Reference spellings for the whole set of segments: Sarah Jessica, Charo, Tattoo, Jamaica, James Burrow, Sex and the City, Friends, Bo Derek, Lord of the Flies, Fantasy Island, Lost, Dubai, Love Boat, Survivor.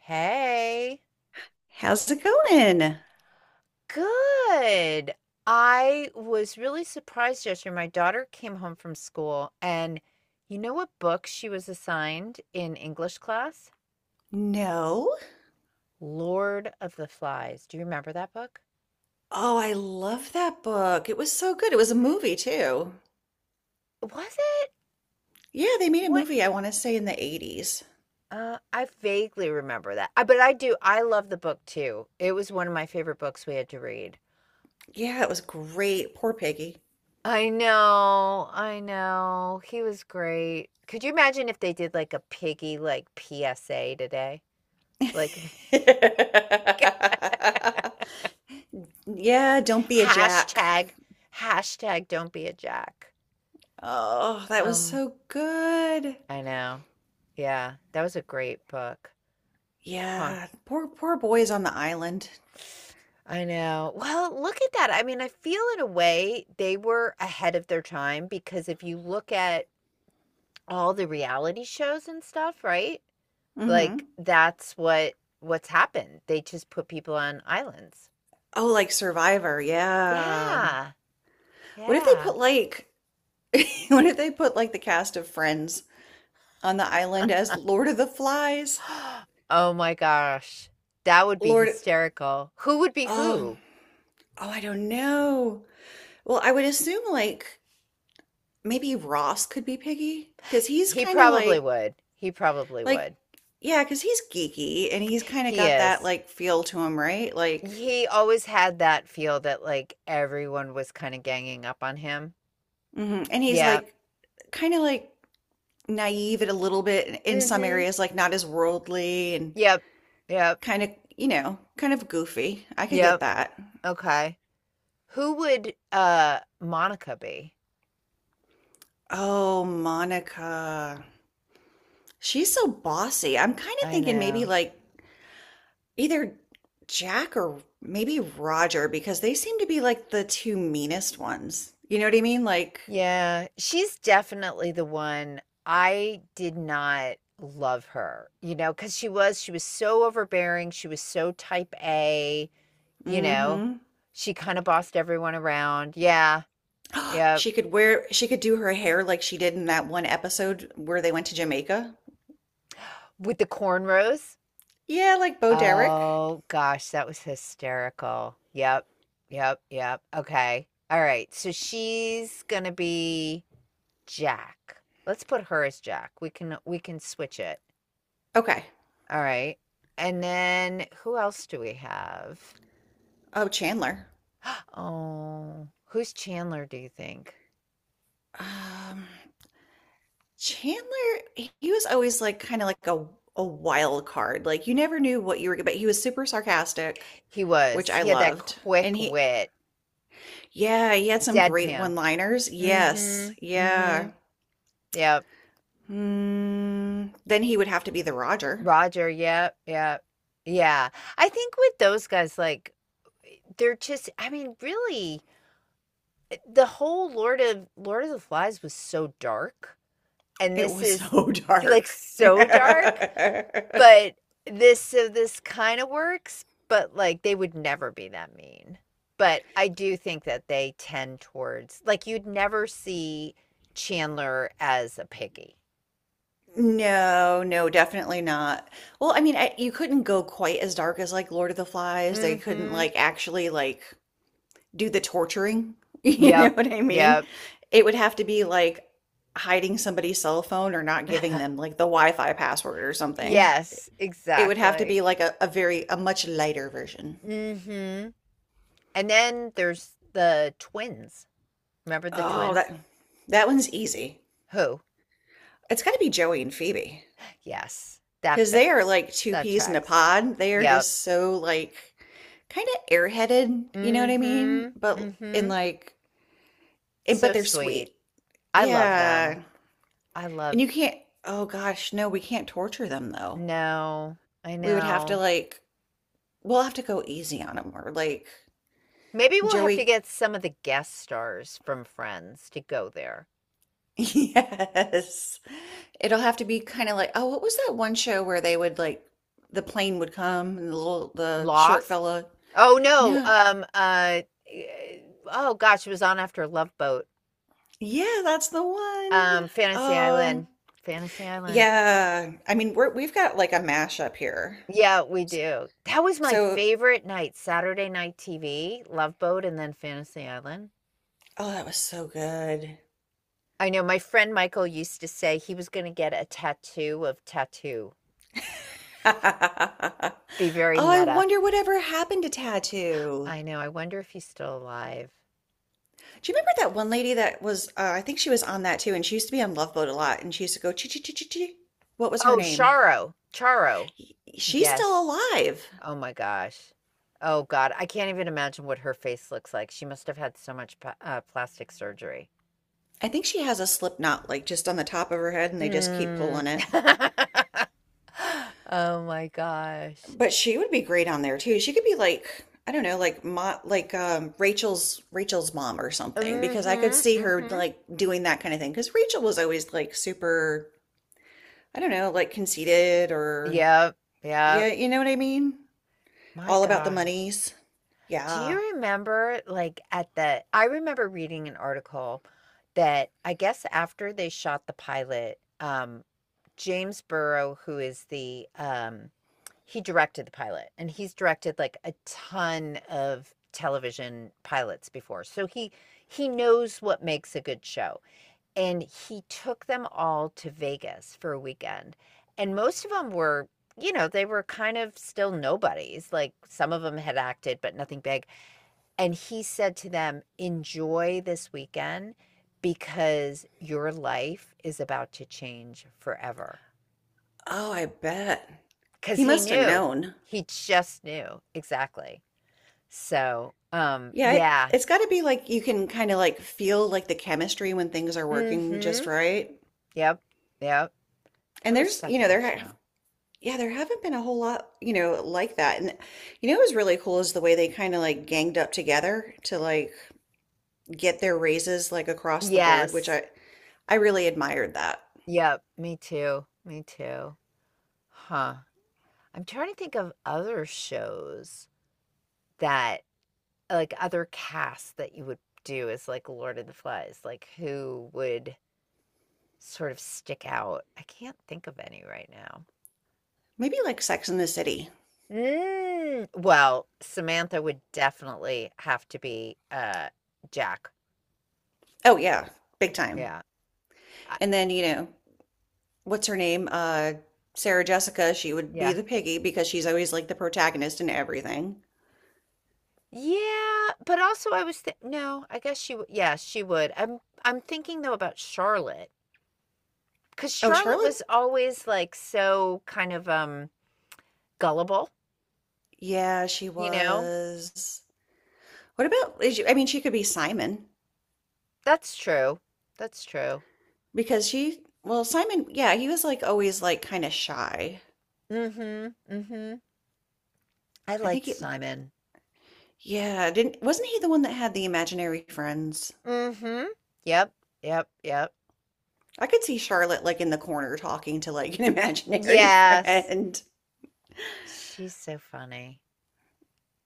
Hey. How's it going? Good. I was really surprised yesterday. My daughter came home from school, and you know what book she was assigned in English class? No. Lord of the Flies. Do you remember that book? Oh, I love that book. It was so good. It was a movie, too. Was it? Yeah, they made a What? movie, I want to say, in the 80s. I vaguely remember that. But I do. I love the book too. It was one of my favorite books we had to read. Yeah, it was great. Poor Peggy. I know, I know. He was great. Could you imagine if they did like a piggy like PSA today? Like Yeah, don't be a jack. hashtag hashtag don't be a jack. Oh, that was Um, so good. I know. Yeah, that was a great book. Huh. Yeah, poor boys on the island. I know. Well, look at that. I mean, I feel in a way they were ahead of their time because if you look at all the reality shows and stuff, right? Like Hmm that's what's happened. They just put people on islands. Oh, like Survivor. Yeah. Yeah. What if they Yeah. put like what if they put like the cast of Friends on the island as Lord of the Flies. Oh my gosh. That would be Lord, hysterical. Who would be oh, who? oh, I don't know. Well, I would assume like maybe Ross could be Piggy because he's He kind of probably like would. He probably like would. Yeah, because he's geeky and he's kind of He got that is. like feel to him, right? Like, He always had that feel that like everyone was kind of ganging up on him. mhm. And he's Yeah. like kind of like naive at a little bit in some Mhm. areas, like not as worldly and Yep. Yep. kind of kind of goofy. I could get Yep. that. Okay. Who would Monica be? Oh, Monica. She's so bossy. I'm kind of I thinking maybe know. like either Jack or maybe Roger because they seem to be like the two meanest ones. You know what I mean? Like, Yeah, she's definitely the one. I did not love her, because she was so overbearing, she was so type A, you know. mm-hmm. She kinda bossed everyone around. Yeah, yeah. She could wear, she could do her hair like she did in that one episode where they went to Jamaica. With the cornrows? Yeah, like Bo Derek. Oh gosh, that was hysterical. Yep, yep, yep. Okay. Alright, so she's gonna be Jack. Let's put her as Jack. We can switch it. Okay. All right. And then who else do we have? Oh, Chandler. Oh, who's Chandler, do you think? Um, Chandler, he was always like kind of like a wild card. Like you never knew what you were, but he was super sarcastic, He which was. I He had that loved. And quick he wit, yeah, he had some great deadpan. one-liners. Yes. Mm-hmm. Mm-hmm. Yeah. Yep. Hmm. Then he would have to be the Roger. Roger. Yep. Yep. Yeah. I think with those guys, like, they're just, I mean, really, the whole Lord of the Flies was so dark. And It this was is so like dark. so dark. But this So this kinda works, but, like, they would never be that mean. But I do think that they tend towards like, you'd never see Chandler as a piggy. No, no, definitely not. Well, I mean, I, you couldn't go quite as dark as like Lord of the Flies. They couldn't Mhm. like actually like do the torturing. You know Yep. what I mean? Yep. It would have to be like hiding somebody's cell phone or not giving them like the Wi-Fi password or something. Yes, It would have to exactly. be like a very a much lighter version. Mhm. And then there's the twins. Remember the Oh, twins? that one's easy. Who? It's got to be Joey and Phoebe, Yes, that cause they are fits. like two That peas in a tracks. pod. They are Yep. just so like kind of airheaded, you know what I mean? Mhm. But in Mhm. like and but So they're sweet. sweet. I love them. Yeah. I And you loved can't oh gosh, no, we can't torture them though. No, I We would have to know. like we'll have to go easy on them or like Maybe we'll have to Joey. get some of the guest stars from Friends to go there. Yes. It'll have to be kind of like, oh, what was that one show where they would like the plane would come and the little the short Lost? fella? Oh no. No. Eh, oh gosh, it was on after Love Boat. Yeah, that's the one. Fantasy Um, Island. Fantasy Island. yeah. I mean, we've got like a mashup here. Yeah, we do. That was my So, favorite night, Saturday night TV, Love Boat and then Fantasy Island. oh, that was so good. I know my friend Michael used to say he was going to get a tattoo of tattoo. Be very Oh, I meta. wonder whatever happened to Tattoo. I know, I wonder if he's still alive. Do you remember that one lady that was, I think she was on that too, and she used to be on Love Boat a lot, and she used to go, chi chi chi chi chi. What was her Oh, name? Charo, Charo. She's still Yes. alive. Oh my gosh. Oh God, I can't even imagine what her face looks like. She must have had so much pa plastic surgery. I think she has a slip knot like just on the top of her head and they just keep Mm. pulling it. Oh my gosh. But she would be great on there too. She could be like, I don't know, like mo like Rachel's mom or something because I could Mm-hmm. see her Mm-hmm. like doing that kind of thing because Rachel was always like super, I don't know, like conceited or Yep. yeah, Yep. you know what I mean? My All about the gosh. monies. Do Yeah. you remember, like, I remember reading an article that I guess after they shot the pilot, James Burrow, who is the he directed the pilot, and he's directed like a ton of television pilots before. So he knows what makes a good show. And he took them all to Vegas for a weekend. And most of them were, they were kind of still nobodies. Like some of them had acted but nothing big. And he said to them, "Enjoy this weekend because your life is about to change forever." Oh, I bet. Because He he must have knew, known. he just knew exactly. So, Yeah, it, yeah. it's got to be like you can kind of like feel like the chemistry when things are working Mm-hmm. just right. Yep. Yep. And That was there's, you such a know, there good have, show. yeah, there haven't been a whole lot, you know, like that. And you know, what was really cool is the way they kind of like ganged up together to like get their raises like across the board, which Yes. I really admired that. Yep. Me too, me too. Huh. I'm trying to think of other shows that, like, other casts that you would do as like Lord of the Flies, like, who would sort of stick out. I can't think of any right now. Maybe like Sex in the City. Mm, well, Samantha would definitely have to be, Jack. Oh yeah, big time. Yeah. I And then, you know, what's her name? Sarah Jessica, she would be Yeah. the piggy because she's always like the protagonist in everything. Yeah, but also I was thi no, I guess she w yeah, she would. I'm thinking though about Charlotte because Oh, Charlotte Charlotte? was always, like, so kind of, gullible, Yeah, she you know? was. What about, is she- I mean, she could be Simon. That's true. That's true. Because she, well, Simon, yeah, he was like always like kind of shy. Mhm, mhm. I I liked think he, Simon. yeah, didn't, wasn't he the one that had the imaginary friends? Mhm. Yep, yep, yep. I could see Charlotte like in the corner talking to like an imaginary Yes. friend. She's so funny.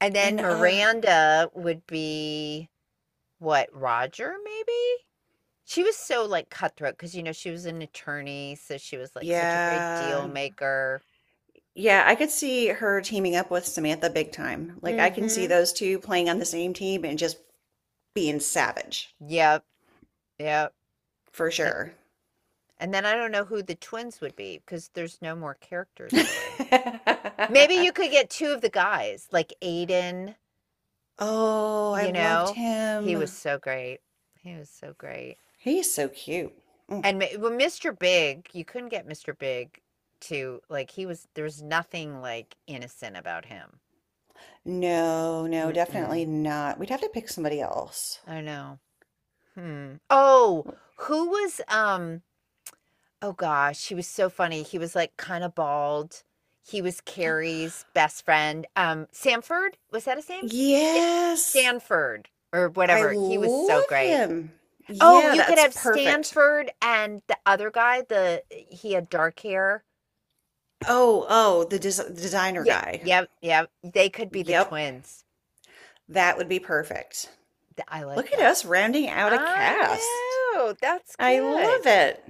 And then And Miranda would be what, Roger maybe? She was so, like, cutthroat because she was an attorney, so she was, like, such a great deal yeah. maker. Yeah, I could see her teaming up with Samantha big time. Like I can see Mhm. those two playing on the same team and just being savage Yep, yep. for And sure. and then I don't know who the twins would be because there's no more characters really. Maybe you could get two of the guys, like Aiden, Oh, I you loved know? He was him. so great. He was so great. He's so cute. Mm. And well, Mr. Big, you couldn't get Mr. Big to, like he was there was nothing like innocent about him. No, no, Mm-mm. definitely not. We'd have to pick somebody else. I know. Hmm. Oh, who was oh gosh, he was so funny. He was like kind of bald. He was Carrie's best friend. Samford, was that his name? Sta- Yes, Stanford or I whatever. He was so love great. him. Oh, Yeah, you could that's have perfect. Stanford and the other guy, the he had dark hair. Oh, oh, the des designer Yeah, guy. yep, yep. They could be the Yep, twins. that would be perfect. Th I like Look at that. us rounding out a cast. I know, that's I love good. it.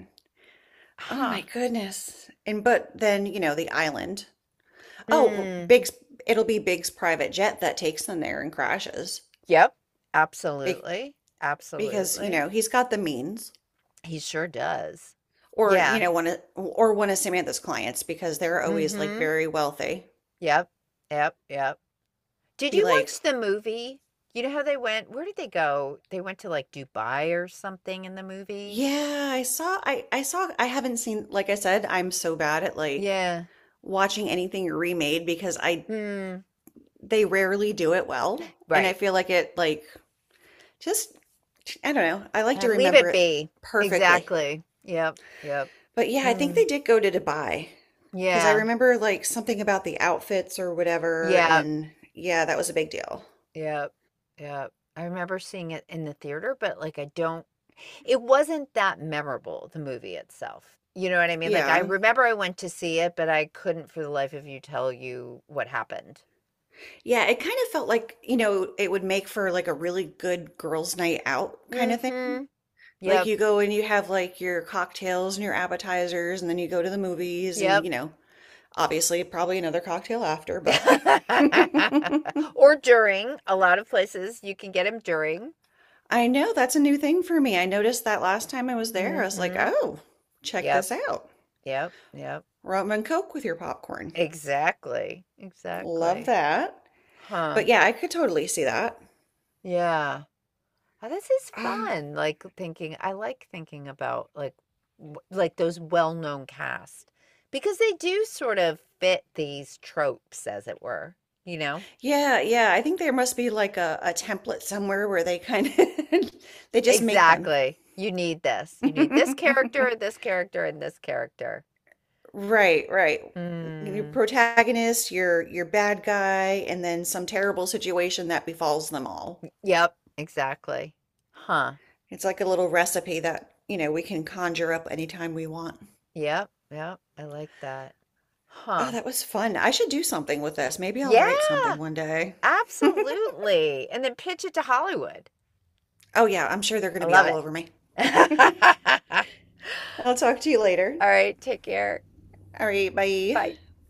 Oh Huh. my goodness. And but then, you know, the island. Oh, well, Hmm. It'll be Big's private jet that takes them there and crashes. Yep, Be absolutely, because, you absolutely. know, he's got the means. He sure does. Or you Yeah, know one of Samantha's clients because they're always like mhm, very wealthy yep, yep, yep. Did be you like watch the movie? You know how they went where did they go? They went to, like, Dubai or something in the movie? yeah I haven't seen like I said I'm so bad at like Yeah. watching anything remade because I Hmm. they rarely do it well and I Right. feel like it like just I don't know I like I to leave remember it it be. perfectly Exactly. Yep, yep. but yeah I think Hmm. they did go to Dubai because I Yeah. remember like something about the outfits or whatever Yeah. and yeah that was a big deal Yeah. Yeah. I remember seeing it in the theater, but like I don't it wasn't that memorable, the movie itself. You know what I mean? Like I yeah. remember I went to see it, but I couldn't for the life of you tell you what happened. Yeah, it kind of felt like, you know, it would make for like a really good girls' night out kind of thing. Mhm. Like Yep. you go and you have like your cocktails and your appetizers, and then you go to the movies and, Yep. you know, obviously probably another cocktail after, but Or during. A lot of places you can get 'em during. I know that's a new thing for me. I noticed that last time I was there. I was like, Mhm. oh, check Yep. this out. Yep. Yep. Rum and Coke with your popcorn. Exactly. Love Exactly. that. But Huh. yeah, I could totally see that. Yeah. Oh, this is Uh, fun. Like thinking, I like thinking about like like those well-known cast because they do sort of fit these tropes, as it were, you know? yeah, yeah. I think there must be like a template somewhere where they kind of they just make them. Exactly. You need this. You need this character and this character and this character. Right, right. Your Mm. protagonist, your bad guy, and then some terrible situation that befalls them all. Yep, exactly. Huh. It's like a little recipe that, you know, we can conjure up anytime we want. Yep, yep. I like that. Oh, Huh. that was fun. I should do something with this. Maybe I'll Yeah, write something one day. absolutely. And then pitch it to Hollywood. Oh yeah, I'm sure they're going I to be love all it. over me. I'll talk to you later. All right. Take care. All right, bye. Bye.